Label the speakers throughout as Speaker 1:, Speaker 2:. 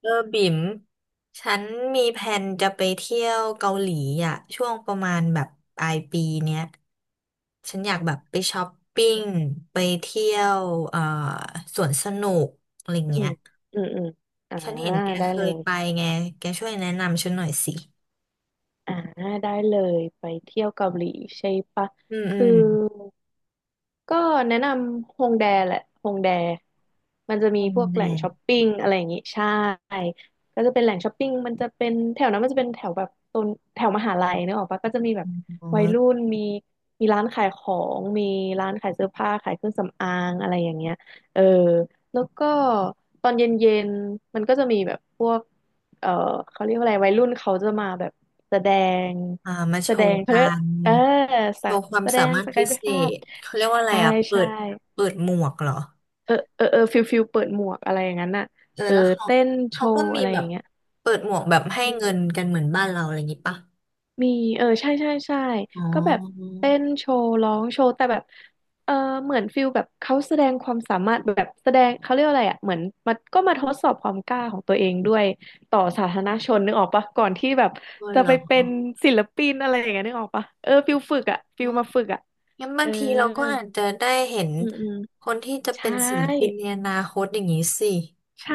Speaker 1: เออบิ่มฉันมีแผนจะไปเที่ยวเกาหลีอ่ะช่วงประมาณแบบปลายปีเนี้ยฉันอยากแบบไปช้อปปิ้งไปเที่ยวเอ่อสวนสนุกอะไร
Speaker 2: อื
Speaker 1: เงี้
Speaker 2: ม
Speaker 1: ย
Speaker 2: อืมอืมอ่า
Speaker 1: ฉันเห็นแก
Speaker 2: ได้
Speaker 1: เค
Speaker 2: เล
Speaker 1: ย
Speaker 2: ย
Speaker 1: ไปไงแกช่วยแนะนำฉันหน่อยสิ
Speaker 2: อ่าได้เลไปเที่ยวเกาหลีใช่ปะ
Speaker 1: อืมอื
Speaker 2: คือ
Speaker 1: ม
Speaker 2: ก็แนะนำฮงแดแหละฮงแดมันจะ
Speaker 1: โร
Speaker 2: มี
Speaker 1: ง
Speaker 2: พวก
Speaker 1: แร
Speaker 2: แหล่ง
Speaker 1: ม
Speaker 2: ช้อปปิ้งอะไรอย่างงี้ใช่ก็จะเป็นแหล่งช้อปปิ้งมันจะเป็นแถวนั้นมันจะเป็นแถวแบบตนแถวมหาลัยนึกออกปะก็จะมีแบบ
Speaker 1: อ๋
Speaker 2: วัยรุ่
Speaker 1: อ
Speaker 2: นมีร้านขายของมีร้านขายเสื้อผ้าขายเครื่องสำอางอะไรอย่างเงี้ยเออแล้วก็ตอนเย็นๆมันก็จะมีแบบพวกเออเขาเรียกว่าอะไรวัยรุ่นเขาจะมาแบบแสดง
Speaker 1: อ่ามาโชว์
Speaker 2: เขา
Speaker 1: กั
Speaker 2: เรียก
Speaker 1: น
Speaker 2: เออ
Speaker 1: โช
Speaker 2: สัก
Speaker 1: ว์ความ
Speaker 2: แสด
Speaker 1: สา
Speaker 2: ง
Speaker 1: มารถ
Speaker 2: ส
Speaker 1: พิ
Speaker 2: กายพิ
Speaker 1: เศ
Speaker 2: ภาพ
Speaker 1: ษเขาเรียกว่าอะไร
Speaker 2: ใช่
Speaker 1: อ่ะเปิ
Speaker 2: ใช่
Speaker 1: ดเปิดหมวกเหรอ
Speaker 2: เออเออเออฟิลเปิดหมวกอะไรอย่างนั้นน่ะ
Speaker 1: เออ
Speaker 2: เออ
Speaker 1: แล้วเขา
Speaker 2: เต้นโช
Speaker 1: เขาก็
Speaker 2: ว์
Speaker 1: มี
Speaker 2: อะไร
Speaker 1: แบ
Speaker 2: อ
Speaker 1: บ
Speaker 2: ย่างเงี้ย
Speaker 1: เปิดหมวกแบบให้
Speaker 2: อื
Speaker 1: เงิน
Speaker 2: ม
Speaker 1: กันเหมือนบ้านเราอะไรอย่างงี้ปะ
Speaker 2: มีเออใช่ใช่ใช่
Speaker 1: อ๋อ
Speaker 2: ก็แบบเต้นโชว์ร้องโชว์แต่แบบเออเหมือนฟิลแบบเขาแสดงความสามารถแบบแสดงเขาเรียกว่าอะไรอ่ะเหมือนมันก็มาทดสอบความกล้าของตัวเองด้วยต่อสาธารณชนนึกออกปะก่อนที่แบบ
Speaker 1: ก็
Speaker 2: จะ
Speaker 1: เหร
Speaker 2: ไปเป็น
Speaker 1: อ
Speaker 2: ศิลปินอะไรอย่างเงี้ยนึกออกปะเออฟิลฝึกอ่ะฟิลมาฝึกอ่ะ
Speaker 1: งั้น
Speaker 2: เอ
Speaker 1: บา
Speaker 2: อ
Speaker 1: งทีเราก็อาจจะได้เห็น
Speaker 2: อืมอืม
Speaker 1: คนที่จะเป็
Speaker 2: ใช่
Speaker 1: นศิลปินในอนาคตอย่างนี้สิ
Speaker 2: ใช่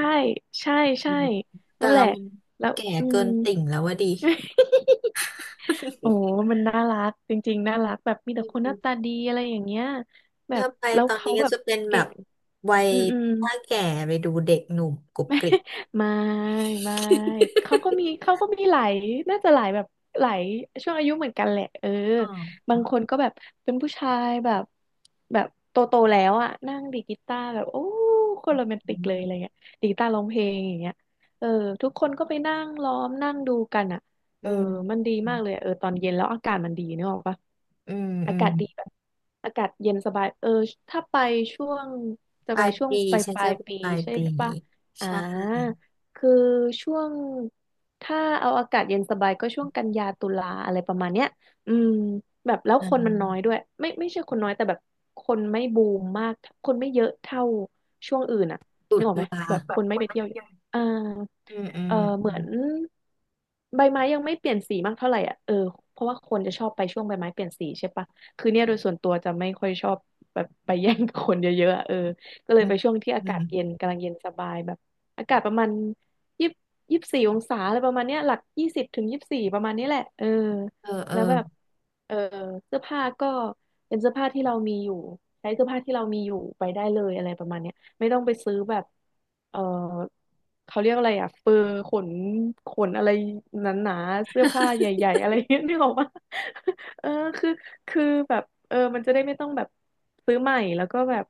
Speaker 2: ใช่
Speaker 1: อื
Speaker 2: ใช่
Speaker 1: มแต่
Speaker 2: นั่นแห
Speaker 1: เรา
Speaker 2: ละ
Speaker 1: มัน
Speaker 2: แล้ว
Speaker 1: แก่
Speaker 2: อื
Speaker 1: เกิ
Speaker 2: ม
Speaker 1: นติ่งแล้วว่าดี
Speaker 2: โอ้มันน่ารัก จริงๆน่ารัก แบบมีแต่คนหน้าตา ดีอะไรอย่างเงี้ยแบ
Speaker 1: ถ้า
Speaker 2: บ
Speaker 1: ไป
Speaker 2: แล้ว
Speaker 1: ตอน
Speaker 2: เขา
Speaker 1: นี้ก็
Speaker 2: แบบ
Speaker 1: จะเป็นแบ
Speaker 2: เก่
Speaker 1: บ
Speaker 2: ง
Speaker 1: วัย
Speaker 2: อืมอืม
Speaker 1: ป้าแก่ไปดูเด็กหนุ่มกรุบกริบ
Speaker 2: ไม่ไม่ไม่เขาก็มีหลายน่าจะหลายแบบหลายช่วงอายุเหมือนกันแหละเออ
Speaker 1: อ๋อ
Speaker 2: บางคนก็แบบเป็นผู้ชายแบบแบบโตแล้วอ่ะนั่งดีดกีตาร์แบบโอ้คนโรแมนติกเลยอะไรเงี้ยดีดกีตาร์ร้องเพลงอย่างเงี้ยเออทุกคนก็ไปนั่งล้อมนั่งดูกันอ่ะเอ
Speaker 1: อื
Speaker 2: อมัน
Speaker 1: ม
Speaker 2: ดีมากเลยอะเออตอนเย็นแล้วอากาศมันดีนึกออกปะ
Speaker 1: อืม อื
Speaker 2: อา
Speaker 1: ม
Speaker 2: กาศดีแบบอากาศเย็นสบายเออถ้าไปช่วงจะ
Speaker 1: ป
Speaker 2: ไป
Speaker 1: ลาย
Speaker 2: ช่วง
Speaker 1: ปี
Speaker 2: ปลาย
Speaker 1: ฉัน
Speaker 2: ปลา
Speaker 1: จะ
Speaker 2: ย
Speaker 1: ไป
Speaker 2: ปี
Speaker 1: ปลาย
Speaker 2: ใช่
Speaker 1: ปี
Speaker 2: ปะ อ่า
Speaker 1: ใช่
Speaker 2: คือช่วงถ้าเอาอากาศเย็นสบายก็ช่วงกันยาตุลาอะไรประมาณเนี้ยอืมแบบแล้วคนมันน้อ
Speaker 1: อ่า
Speaker 2: ยด้วย ไม่ไม่ใช่คนน้อยแต่แบบคนไม่บูมมากคนไม่เยอะเท่าช่วงอื่นอ่ะ
Speaker 1: ตุ
Speaker 2: นึกออกไหม
Speaker 1: ลา
Speaker 2: แบบ
Speaker 1: แบ
Speaker 2: ค
Speaker 1: บ
Speaker 2: น
Speaker 1: ค
Speaker 2: ไม่
Speaker 1: น
Speaker 2: ไปเที่ย
Speaker 1: มั
Speaker 2: ว
Speaker 1: น
Speaker 2: เย
Speaker 1: เย
Speaker 2: อะ
Speaker 1: อะ
Speaker 2: อ่า
Speaker 1: อืมอื
Speaker 2: เอ
Speaker 1: ม
Speaker 2: อเห
Speaker 1: อื
Speaker 2: มือ
Speaker 1: ม
Speaker 2: นใบไม้ยังไม่เปลี่ยนสีมากเท่าไหร่อ่ะเออเพราะว่าคนจะชอบไปช่วงใบไม้เปลี่ยนสีใช่ปะคือเนี่ยโดยส่วนตัวจะไม่ค่อยชอบแบบไปแย่งกับคนเยอะๆอะเออก็เล
Speaker 1: อื
Speaker 2: ย
Speaker 1: ม
Speaker 2: ไปช่วงที่อา
Speaker 1: อื
Speaker 2: กาศเย็
Speaker 1: ม
Speaker 2: นกำลังเย็นสบายแบบ อากาศประมาณยี่24 องศาอะไรประมาณเนี้ยหลักยี่สิบถึงยี่สิบสี่ประมาณนี้แหละเออ
Speaker 1: เออเออ
Speaker 2: แล้วแบบเออเสื้อผ้าก็เป็นเสื้อผ้าที่เรามีอยู่ใช้เสื้อผ้าที่เรามีอยู่ไปได้เลยอะไรประมาณเนี้ยไม่ต้องไปซื้อแบบเออเขาเรียกอะไรอ่ะเฟอร์ขนอะไรหนาๆเสื้อผ้าใหญ่ๆอะไรเงี้ยนึกออกปะ เออคือคือแบบเออมันจะได้ไม่ต้องแบบซื้อใหม่แล้วก็แบบ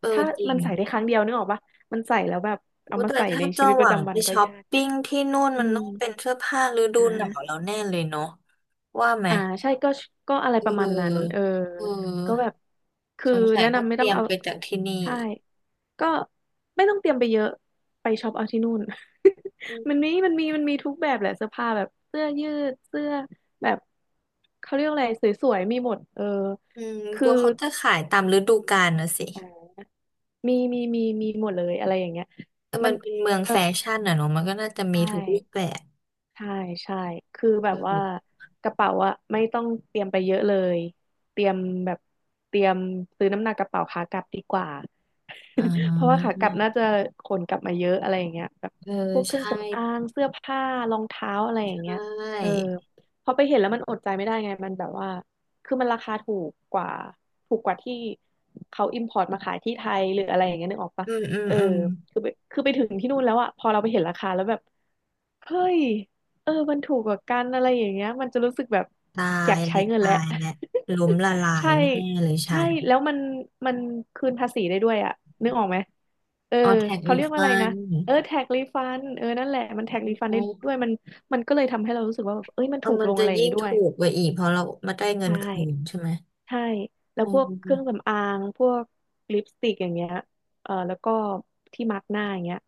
Speaker 1: เออ
Speaker 2: ถ้า
Speaker 1: จริ
Speaker 2: มั
Speaker 1: ง
Speaker 2: นใส่ได้ครั้งเดียวนึกออกปะ มันใส่แล้วแบบเอา
Speaker 1: ว่า
Speaker 2: มา
Speaker 1: แต่
Speaker 2: ใส่
Speaker 1: ถ้า
Speaker 2: ในชี
Speaker 1: จะ
Speaker 2: วิต
Speaker 1: ห
Speaker 2: ป
Speaker 1: วั
Speaker 2: ระ
Speaker 1: ง
Speaker 2: จำวั
Speaker 1: ไป
Speaker 2: นก็
Speaker 1: ช้อป
Speaker 2: ยากอยู่
Speaker 1: ปิ้งที่นู่น
Speaker 2: อื
Speaker 1: มัน
Speaker 2: ม
Speaker 1: ต้องเป็นเสื้อผ้าฤดู
Speaker 2: อ่
Speaker 1: หนาวแล้
Speaker 2: า
Speaker 1: วแน่เลยเนาะว่าไหม
Speaker 2: อ่าใช่ก็อะไร
Speaker 1: เ
Speaker 2: ประมาณนั้น
Speaker 1: ออ
Speaker 2: เออ
Speaker 1: เ
Speaker 2: ก็แบ
Speaker 1: ออ
Speaker 2: บคื
Speaker 1: ส
Speaker 2: อ
Speaker 1: งสัย
Speaker 2: แนะ
Speaker 1: ต้อง
Speaker 2: นำไม่
Speaker 1: เต
Speaker 2: ต้อ
Speaker 1: รี
Speaker 2: ง
Speaker 1: ยม
Speaker 2: เอา
Speaker 1: ไปจากที่นี่
Speaker 2: ใช่ก็ไม่ต้องเตรียมไปเยอะ ไปช็อปเอาที่นู่น
Speaker 1: อื ม
Speaker 2: มันมีทุกแบบแหละเสื้อผ้าแบบเสื้อยืดเสื้อแบบเขาเรียกอะไรสวยๆมีหมดเออ
Speaker 1: อืมก
Speaker 2: คือ
Speaker 1: ลัวเขาจะขายตามฤดูกาลนะสิ
Speaker 2: มีหมดเลยอะไรอย่างเงี้ย
Speaker 1: แต่
Speaker 2: มั
Speaker 1: มั
Speaker 2: น
Speaker 1: นเป็นเมือง
Speaker 2: เออ
Speaker 1: แฟชั่นอ่ะเนาะมันก็น่าจะ
Speaker 2: ใช
Speaker 1: มีทุกรูปแบ
Speaker 2: ่
Speaker 1: บ
Speaker 2: ใช่ใช่คือแบ
Speaker 1: เอ
Speaker 2: บว่า
Speaker 1: อ
Speaker 2: กระเป๋าอะไม่ต้องเตรียมไปเยอะเลยเตรียมแบบเตรียมซื้อน้ำหนักกระเป๋าขากลับดีกว่า
Speaker 1: อ่
Speaker 2: เพราะว่าขากลับน่า
Speaker 1: า
Speaker 2: จะขนกลับมาเยอะอะไรอย่างเงี้ยแบบ
Speaker 1: เออ
Speaker 2: พวกเครื่อง
Speaker 1: ใช่
Speaker 2: สำอางเสื้อผ้ารองเท้าอะไรอย่าง
Speaker 1: ใช
Speaker 2: เงี้ยเออ
Speaker 1: ่
Speaker 2: พอไปเห็นแล้วมันอดใจไม่ได้ไงมันแบบว่าคือมันราคาถูกกว่าถูกกว่าที่เขาอิมพอร์ตมาขายที่ไทยหรืออะไรอย่างเงี้ยนึกออกปะ
Speaker 1: อืมอืม
Speaker 2: เออ
Speaker 1: อืม
Speaker 2: คือไปถึงที่นู่นแล้วอะพอเราไปเห็นราคาแล้วแบบ เฮ้ย เออมันถูกกว่ากันอะไรอย่างเงี้ยมันจะรู้สึกแบบ
Speaker 1: ตา
Speaker 2: อ
Speaker 1: ย
Speaker 2: ยากใช้
Speaker 1: และ
Speaker 2: เงินแห
Speaker 1: ตา
Speaker 2: ละ
Speaker 1: ยและล้มละลา ย
Speaker 2: ใช่
Speaker 1: แน่เลยฉั
Speaker 2: ใช่
Speaker 1: น
Speaker 2: แล้วมันคืนภาษีได้ด้วยอะนึกออกไหมเออ
Speaker 1: ออแท็ก
Speaker 2: เขา
Speaker 1: รี
Speaker 2: เรียกว่าอะไร
Speaker 1: ฟั
Speaker 2: นะ
Speaker 1: น
Speaker 2: เออแท็กรีฟันเออนั่นแหละมันแท็กรีฟันได้ด้
Speaker 1: เ
Speaker 2: วยมันก็เลยทำให้เรารู้สึกว่าแบบเอ้ยมัน
Speaker 1: ออ
Speaker 2: ถูก
Speaker 1: มั
Speaker 2: ล
Speaker 1: น
Speaker 2: ง
Speaker 1: จะ
Speaker 2: อะไรอย่าง
Speaker 1: ยิ่ง
Speaker 2: งี้ด้วย
Speaker 1: ถูกไปอีกเพราะเรามาได้เงิน
Speaker 2: ใช่
Speaker 1: คืนใช่ไหม
Speaker 2: ใช่แล้ว
Speaker 1: อื
Speaker 2: พวกเครื่อง
Speaker 1: ม
Speaker 2: สำอางพวกลิปสติกอย่างเงี้ยเออแล้วก็ที่มาร์กหน้าอย่างเงี้ย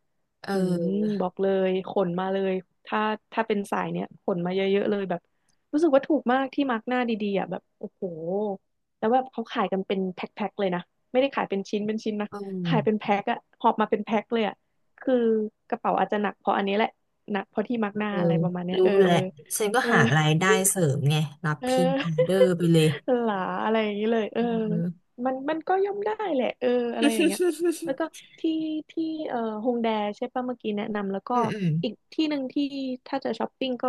Speaker 1: เ
Speaker 2: อืม
Speaker 1: ออ
Speaker 2: บอกเลยขนมาเลยถ้าถ้าเป็นสายเนี้ยขนมาเยอะๆเลยแบบรู้สึกว่าถูกมากที่มาร์กหน้าดีๆอ่ะแบบโอ้โหแล้วแบบเขาขายกันเป็นแพ็คๆเลยนะไม่ได้ขายเป็นชิ้นเป็นชิ้นนะ
Speaker 1: เอ
Speaker 2: ขายเป็น
Speaker 1: อ
Speaker 2: แพ็คอะหอบมาเป็นแพ็คเลยอะคือกระเป๋าอาจจะหนักเพราะอันนี้แหละหนักเพราะที่มาร์กหน้า
Speaker 1: เออ
Speaker 2: อะไรประมาณเนี้ย
Speaker 1: รู้
Speaker 2: เออ
Speaker 1: แหละฉันก็
Speaker 2: เออ
Speaker 1: หารายได้เสริมไงรับ
Speaker 2: เออ
Speaker 1: พรีออเดอร์ไปเลย
Speaker 2: หลาอะไรอย่างนี้เลยเออ
Speaker 1: อืม
Speaker 2: มันก็ย่อมได้แหละเอออะไรอย่างเงี้ยแล้วก็ ที่ที่เอ่อฮงแดใช่ป่ะเมื่อกี้แนะนำแล้วก็
Speaker 1: อืมอืม
Speaker 2: อีกที่หนึ่งที่ถ้าจะช้อปปิ้งก็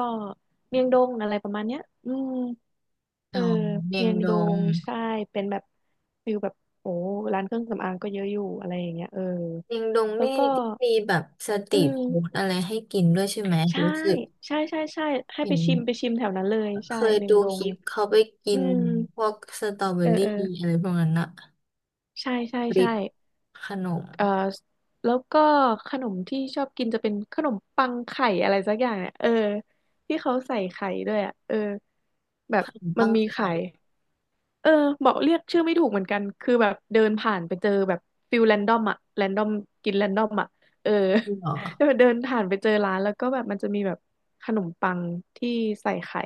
Speaker 2: เมียงดงอะไรประมาณเนี้ยอืมเอ
Speaker 1: อ๋อ
Speaker 2: อ
Speaker 1: เมีย
Speaker 2: เมี
Speaker 1: ง
Speaker 2: ยง
Speaker 1: ด
Speaker 2: ด
Speaker 1: ง
Speaker 2: งใช่เป็นแบบฟิลแบบโอ้ร้านเครื่องสำอางก็เยอะอยู่อะไรอย่างเงี้ยเออ
Speaker 1: เชียงดง
Speaker 2: แล้ว
Speaker 1: นี่
Speaker 2: ก็
Speaker 1: ที่มีแบบสต
Speaker 2: อื
Speaker 1: รีทฟู้ด
Speaker 2: ม
Speaker 1: อะไรให้กินด้วยใช่ไหม
Speaker 2: ใช่
Speaker 1: รู้สึก
Speaker 2: ใช่ใช่ใช่ให้
Speaker 1: เห็
Speaker 2: ไป
Speaker 1: น
Speaker 2: ชิมไปชิมแถวนั้นเลย
Speaker 1: เค
Speaker 2: ใช่
Speaker 1: ย
Speaker 2: เมีย
Speaker 1: ดู
Speaker 2: งด
Speaker 1: ค
Speaker 2: ง
Speaker 1: ลิปเขาไปกิ
Speaker 2: อื
Speaker 1: น
Speaker 2: ม
Speaker 1: พวกสตรอเบอ
Speaker 2: เออ
Speaker 1: รี่
Speaker 2: เออ
Speaker 1: อะไรพวกนั้นอะ
Speaker 2: ใช่ใช่
Speaker 1: ริ
Speaker 2: ใช่
Speaker 1: ปขนม
Speaker 2: เอ่อแล้วก็ขนมที่ชอบกินจะเป็นขนมปังไข่อะไรสักอย่างเนี่ยเออ ที่เขาใส่ไข่ด้วยอ่ะเออ แบบ
Speaker 1: ขนม
Speaker 2: มัน
Speaker 1: ปัง
Speaker 2: มี
Speaker 1: ไข่
Speaker 2: ไข่ เออบอกเรียกชื่อไม่ถูกเหมือนกันคือแบบเดินผ่านไปเจอแบบฟิลแรนดอมอะแรนดอมกินแรนดอมอะเออ
Speaker 1: เหรอ
Speaker 2: แล้วเดินผ่านไปเจอร้านแล้วก็แบบมันจะมีแบบขนมปังที่ใส่ไข่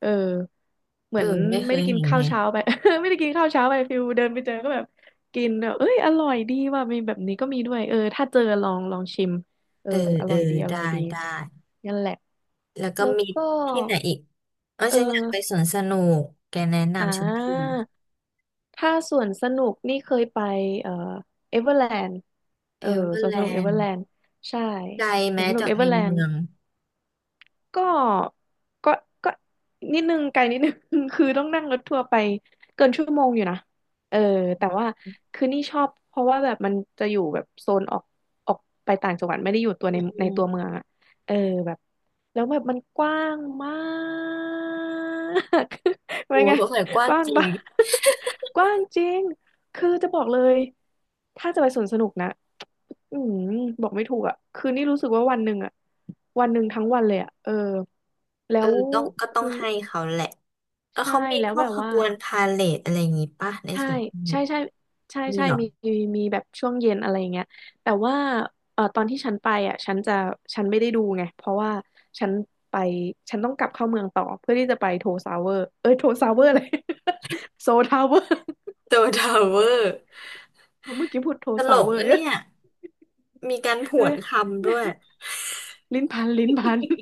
Speaker 2: เออเห
Speaker 1: เอ
Speaker 2: มื
Speaker 1: อ
Speaker 2: อน
Speaker 1: ไม่เค
Speaker 2: ไม่
Speaker 1: ย
Speaker 2: ได้กิน
Speaker 1: เห็น
Speaker 2: ข้า
Speaker 1: ไง
Speaker 2: วเช้าไป ไม่ได้กินข้าวเช้าไปฟิลเดินไปเจอก็แบบกินแบบเอ้ยอร่อยดีว่ะมีแบบนี้ก็มีด้วยเออถ้าเจอลองชิมเออ
Speaker 1: เออ
Speaker 2: อ
Speaker 1: เอ
Speaker 2: ร่
Speaker 1: อ
Speaker 2: อยดีอร่
Speaker 1: ได้
Speaker 2: อยดี
Speaker 1: ได้
Speaker 2: นั่นแหละ
Speaker 1: แล้วก็
Speaker 2: แล้ว
Speaker 1: มี
Speaker 2: ก็
Speaker 1: ที่ไหนอีกเออ
Speaker 2: เอ
Speaker 1: ฉันอยากไป
Speaker 2: อ
Speaker 1: สวนสนุกแกแนะ
Speaker 2: อ่
Speaker 1: นำฉันที
Speaker 2: า ถ้าสวนสนุกนี่เคยไปเอ่อเอเวอร์แลนด์
Speaker 1: เอ
Speaker 2: เออ
Speaker 1: เวอ
Speaker 2: ส
Speaker 1: ร์
Speaker 2: วน
Speaker 1: แล
Speaker 2: สนุกเอ
Speaker 1: น
Speaker 2: เวอร์
Speaker 1: ด์
Speaker 2: แลนด์ใช่
Speaker 1: ไกล
Speaker 2: สวน
Speaker 1: แม้
Speaker 2: สนุก
Speaker 1: จาก
Speaker 2: เอ
Speaker 1: ใน
Speaker 2: เวอร์แลน
Speaker 1: เมื
Speaker 2: ด์
Speaker 1: อง
Speaker 2: ก็ก็ก็นิดนึงไกลนิดนึง คือต้องนั่งรถทัวร์ไปเกินชั่วโมงอยู่นะเออแต่ว่าคือนี่ชอบเพราะว่าแบบมันจะอยู่แบบโซนออกไปต่างจังหวัดไม่ได้อยู่ตัวใน
Speaker 1: อื
Speaker 2: ตัวเมื
Speaker 1: ม
Speaker 2: องอะเออแบบแล้วแบบมันกว้างมาก
Speaker 1: ๆ โอ้
Speaker 2: ว่าไง
Speaker 1: สงสัยกว้า
Speaker 2: ก
Speaker 1: ง
Speaker 2: ว้าง
Speaker 1: จริง
Speaker 2: บ้าก กว้างจริง คือจะบอกเลยถ้าจะไปสวนสนุกนะอืมบอกไม่ถูกอ่ะคือนี่รู้สึกว่าวันหนึ่งอ่ะวันหนึ่งทั้งวันเลยอ่ะเออ
Speaker 1: เอ
Speaker 2: แล้
Speaker 1: อ
Speaker 2: ว
Speaker 1: ต้องก็ต้อง
Speaker 2: คือ
Speaker 1: ให้เขาแหละแล้ว
Speaker 2: ใช่
Speaker 1: เขามี
Speaker 2: แล้
Speaker 1: พ
Speaker 2: ว
Speaker 1: ว
Speaker 2: แบ
Speaker 1: ก
Speaker 2: บ
Speaker 1: ข
Speaker 2: ว่า
Speaker 1: บวนพาเหรดอะไรอย่างงี้ป่ะใน
Speaker 2: ใช่
Speaker 1: สวนสนุ
Speaker 2: ใช่
Speaker 1: ก
Speaker 2: ใช่ใช่
Speaker 1: นี่
Speaker 2: ใช่
Speaker 1: เหรอ
Speaker 2: มีมีมีแบบช่วงเย็นอะไรอย่างเงี้ยแต่ว่าเออตอนที่ฉันไปอ่ะฉันไม่ได้ดูไงเพราะว่าฉันไปฉันต้องกลับเข้าเมืองต่อเพื่อที่จะไปโทซาวเวอร์เอ้ยโทซาวเวอร์เลย โซทาวเวอร์
Speaker 1: โตทาวเวอร์
Speaker 2: เมื่อกี้พูดโทร
Speaker 1: ตล
Speaker 2: ซาว
Speaker 1: ก
Speaker 2: เวอร์
Speaker 1: นะ
Speaker 2: เนี่
Speaker 1: เนี่ยมีการผวนค
Speaker 2: ย
Speaker 1: ำด้วย
Speaker 2: ลิ้นพัน ลิ้นพัน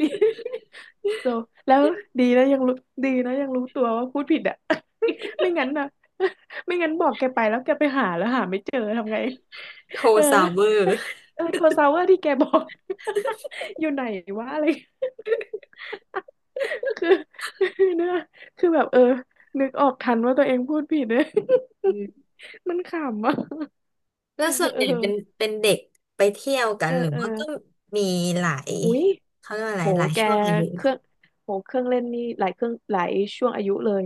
Speaker 2: ลิ้น so แล้วดีแล้วยังรู้ดีนะยังรู้ตัวว่าพูดผิดอ่ะ ไม่งั้นนะ ไม่งั้นบอกแกไปแล้วแกไปหาแล้วหาไม่เจอทำไง
Speaker 1: โท
Speaker 2: เออ
Speaker 1: ซาวเวอร์
Speaker 2: เออโทรซาวเวอร์ที่แกบอก อยู่ไหนวะอะไร คือ เนื้อคือแบบเออนึกออกทันว่าตัวเองพูดผิดเลย
Speaker 1: อืม
Speaker 2: มันขำอ่ะ
Speaker 1: แล้ ว
Speaker 2: เออ
Speaker 1: ส่วน
Speaker 2: เอ
Speaker 1: ใหญ่เป็น
Speaker 2: อ
Speaker 1: เป็นเด็กไปเที่ยวกั
Speaker 2: เอ
Speaker 1: น
Speaker 2: อ
Speaker 1: หรือ
Speaker 2: เออ
Speaker 1: ว่าก็มีหลาย
Speaker 2: อุ้ย
Speaker 1: เขาเรียกว่าอะไร
Speaker 2: โห
Speaker 1: หลาย
Speaker 2: แก
Speaker 1: ช่วงอายุ
Speaker 2: เค
Speaker 1: เหรอ
Speaker 2: รื่องโหเครื่องเล่นนี่หลายเครื่องหลายช่วงอายุเลย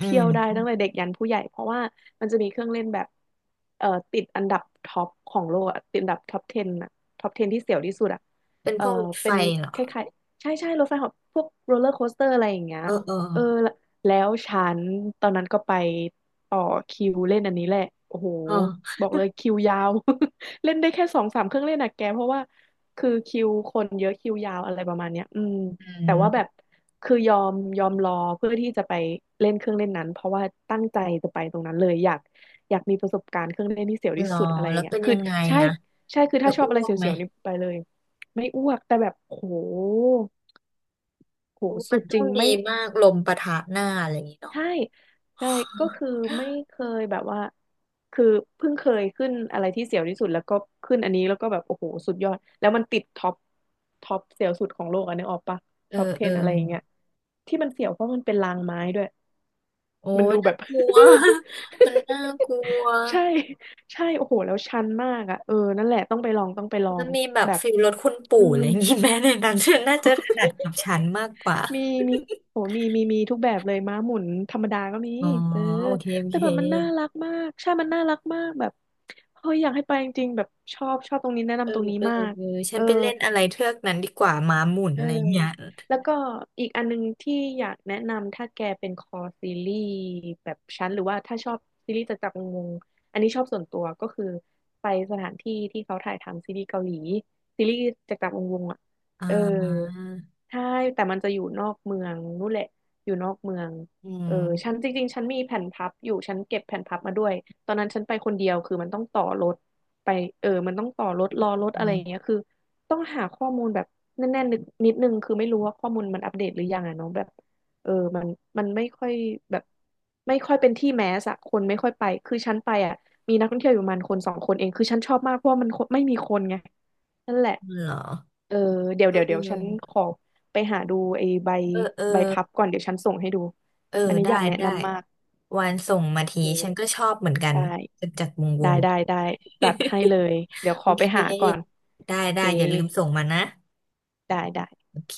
Speaker 1: อื
Speaker 2: ที่ยวได้
Speaker 1: ม
Speaker 2: ตั้งแต่เด็กยันผู้ใหญ่เพราะว่ามันจะมีเครื่องเล่นแบบติดอันดับท็อปของโลกอะติดอันดับท็อป10อะท็อป10ที่เสียวที่สุดอะ
Speaker 1: เป็น
Speaker 2: เอ่
Speaker 1: พ
Speaker 2: อ
Speaker 1: วกรถไฟ
Speaker 2: เป็น
Speaker 1: เหรอ
Speaker 2: คล้ายๆใช่ใช่รถไฟเหอบพวกโรลเลอร์โคสเตอร์อะไรอย่างเงี้ย
Speaker 1: เออเอ
Speaker 2: เออ
Speaker 1: อ
Speaker 2: แล้วฉันตอนนั้นก็ไปต่อคิวเล่นอันนี้แหละโอ้โห
Speaker 1: เออ
Speaker 2: บอกเลยคิวยาว เล่นได้แค่สองสามเครื่องเล่นอะแกเพราะว่า คือคิวคนเยอะคิวยาวอะไรประมาณเนี้ยอืม
Speaker 1: อื
Speaker 2: แต่ว่าแบบ
Speaker 1: ม
Speaker 2: คือยอมรอเพื่อที่จะไปเล่นเครื่องเล่นนั้นเพราะว่าตั้งใจจะไปตรงนั้นเลยอยากมีประสบการณ์เครื่องเล่นที่เสียว
Speaker 1: เหร
Speaker 2: ที่
Speaker 1: อ
Speaker 2: สุดอะไรอ
Speaker 1: แล้
Speaker 2: ย่า
Speaker 1: ว
Speaker 2: งเงี้ย
Speaker 1: เป็น
Speaker 2: คือ
Speaker 1: ยังไง
Speaker 2: ใช่
Speaker 1: อะ
Speaker 2: ใช่คือ
Speaker 1: จะ
Speaker 2: ถ้าชอ
Speaker 1: อ้
Speaker 2: บอะไร
Speaker 1: วกไหม
Speaker 2: เสียวๆนี่ไปเลยไม่อ้วกแต่แบบโหโห
Speaker 1: โอ้มั
Speaker 2: สุ
Speaker 1: น
Speaker 2: ดจ
Speaker 1: ต้อ
Speaker 2: ริ
Speaker 1: ง
Speaker 2: ง
Speaker 1: ดี
Speaker 2: ไม่
Speaker 1: มากลมปะทะหน้าอะไรอย่างงี้เนาะ
Speaker 2: ใช่ใช่ก็คือ ไม่เคยแบบว่าคือเพิ่งเคยขึ้นอะไรที่เสียวที่สุดแล้วก็ขึ้นอันนี้แล้วก็แบบโอ้โหสุดยอดแล้วมันติดท็อปเสียวสุดของโลกอันนี้ออกปะ
Speaker 1: เออ
Speaker 2: ท็อป
Speaker 1: เออ
Speaker 2: 10อะไรอย่างเงี้ยที่มันเสียวเพราะมันเป็นรางไม้ด้วย
Speaker 1: โอ้
Speaker 2: มัน
Speaker 1: ย
Speaker 2: ดูแบ
Speaker 1: น่า
Speaker 2: บ
Speaker 1: กลัว มันน่ากลัว
Speaker 2: ใช่ใช่โอ้โหแล้วชันมากอ่ะเออนั่นแหละต้องไปลอ
Speaker 1: มั
Speaker 2: ง
Speaker 1: นมีแบบ
Speaker 2: แบบ
Speaker 1: ฟิลรถคุณปู่
Speaker 2: อื
Speaker 1: อะ
Speaker 2: ม
Speaker 1: ไรอย่างงี้แม้ในนั้นฉันน่าจะถนัดกับฉันมากกว่า
Speaker 2: มีมีโอ้มีทุกแบบเลยม้าหมุนธรรมดาก็มี
Speaker 1: อ๋อ
Speaker 2: เออ
Speaker 1: โอเคโอ
Speaker 2: แต่
Speaker 1: เค
Speaker 2: แบบมันน่ารักมากใช่มันน่ารักมากแบบเฮ้ยอยากให้ไปจริงๆแบบชอบตรงนี้แนะ
Speaker 1: เออ
Speaker 2: นำตรงนี้
Speaker 1: เออ
Speaker 2: มาก
Speaker 1: เออฉั
Speaker 2: เอ
Speaker 1: น
Speaker 2: อ
Speaker 1: ไปเล่นอะไรเทือกนั้นดีกว่าม้าหมุน
Speaker 2: เออ
Speaker 1: อะไรอย่างเงี้ย
Speaker 2: แล้วก็อีกอันนึงที่อยากแนะนำถ้าแกเป็นคอซีรีส์แบบฉันหรือว่าถ้าชอบซีรีส์จากจักรวงศ์อันนี้ชอบส่วนตัวก็คือไปสถานที่ที่เขาถ่ายทำซีรีส์เกาหลีซีรีส์จากจักรวงศ์อ่ะ
Speaker 1: อ่า
Speaker 2: เออใช่แต่มันจะอยู่นอกเมืองนู่นแหละอยู่นอกเมือง
Speaker 1: อื
Speaker 2: เออฉัน
Speaker 1: ม
Speaker 2: จริงๆฉันมีแผ่นพับอยู่ฉันเก็บแผ่นพับมาด้วยตอนนั้นฉันไปคนเดียวคือมันต้องต่อรถไปเออมันต้องต่อรถรอรถอะไรอ ย่างเงี้ยคือ ต้องหาข้อมูลแบบแน่นๆนิดนึงคือไม่รู้ว่าข้อมูลมันอัปเดตหรือยังอะเนาะแบบเออมันมันไม่ค่อยแบบไม่ค่อยเป็นที่แมสอะคนไม่ค่อยไปคือฉันไปอะมีนักท่องเที่ยวอยู่ประมาณคนสองคนเองนั่นแหละ
Speaker 1: เออเหรอ
Speaker 2: เออเดี๋ยว
Speaker 1: เอ
Speaker 2: เดี๋
Speaker 1: อ
Speaker 2: ยว
Speaker 1: เ
Speaker 2: เดี๋ยวฉันขอไปหาดูไอ้ใบ
Speaker 1: ออเออ
Speaker 2: ใบพับก่อนเดี๋ยวฉันส่งให้ดู
Speaker 1: เออ
Speaker 2: อันนี้
Speaker 1: ได้
Speaker 2: อยากแนะ
Speaker 1: ได้
Speaker 2: นำมาก
Speaker 1: วานส่งมา
Speaker 2: โอ
Speaker 1: ทีฉันก็
Speaker 2: เค
Speaker 1: ชอบเหมือนกั
Speaker 2: ได
Speaker 1: นจั
Speaker 2: ้
Speaker 1: ดจัดวงว
Speaker 2: ได้
Speaker 1: ง
Speaker 2: ได้ได้จัดให้เล ยเดี๋ยวข
Speaker 1: โอ
Speaker 2: อไป
Speaker 1: เค
Speaker 2: หาก่อน
Speaker 1: ได้
Speaker 2: โอเค
Speaker 1: ได้อย่าลืมส่งมานะ
Speaker 2: ได้
Speaker 1: โอเค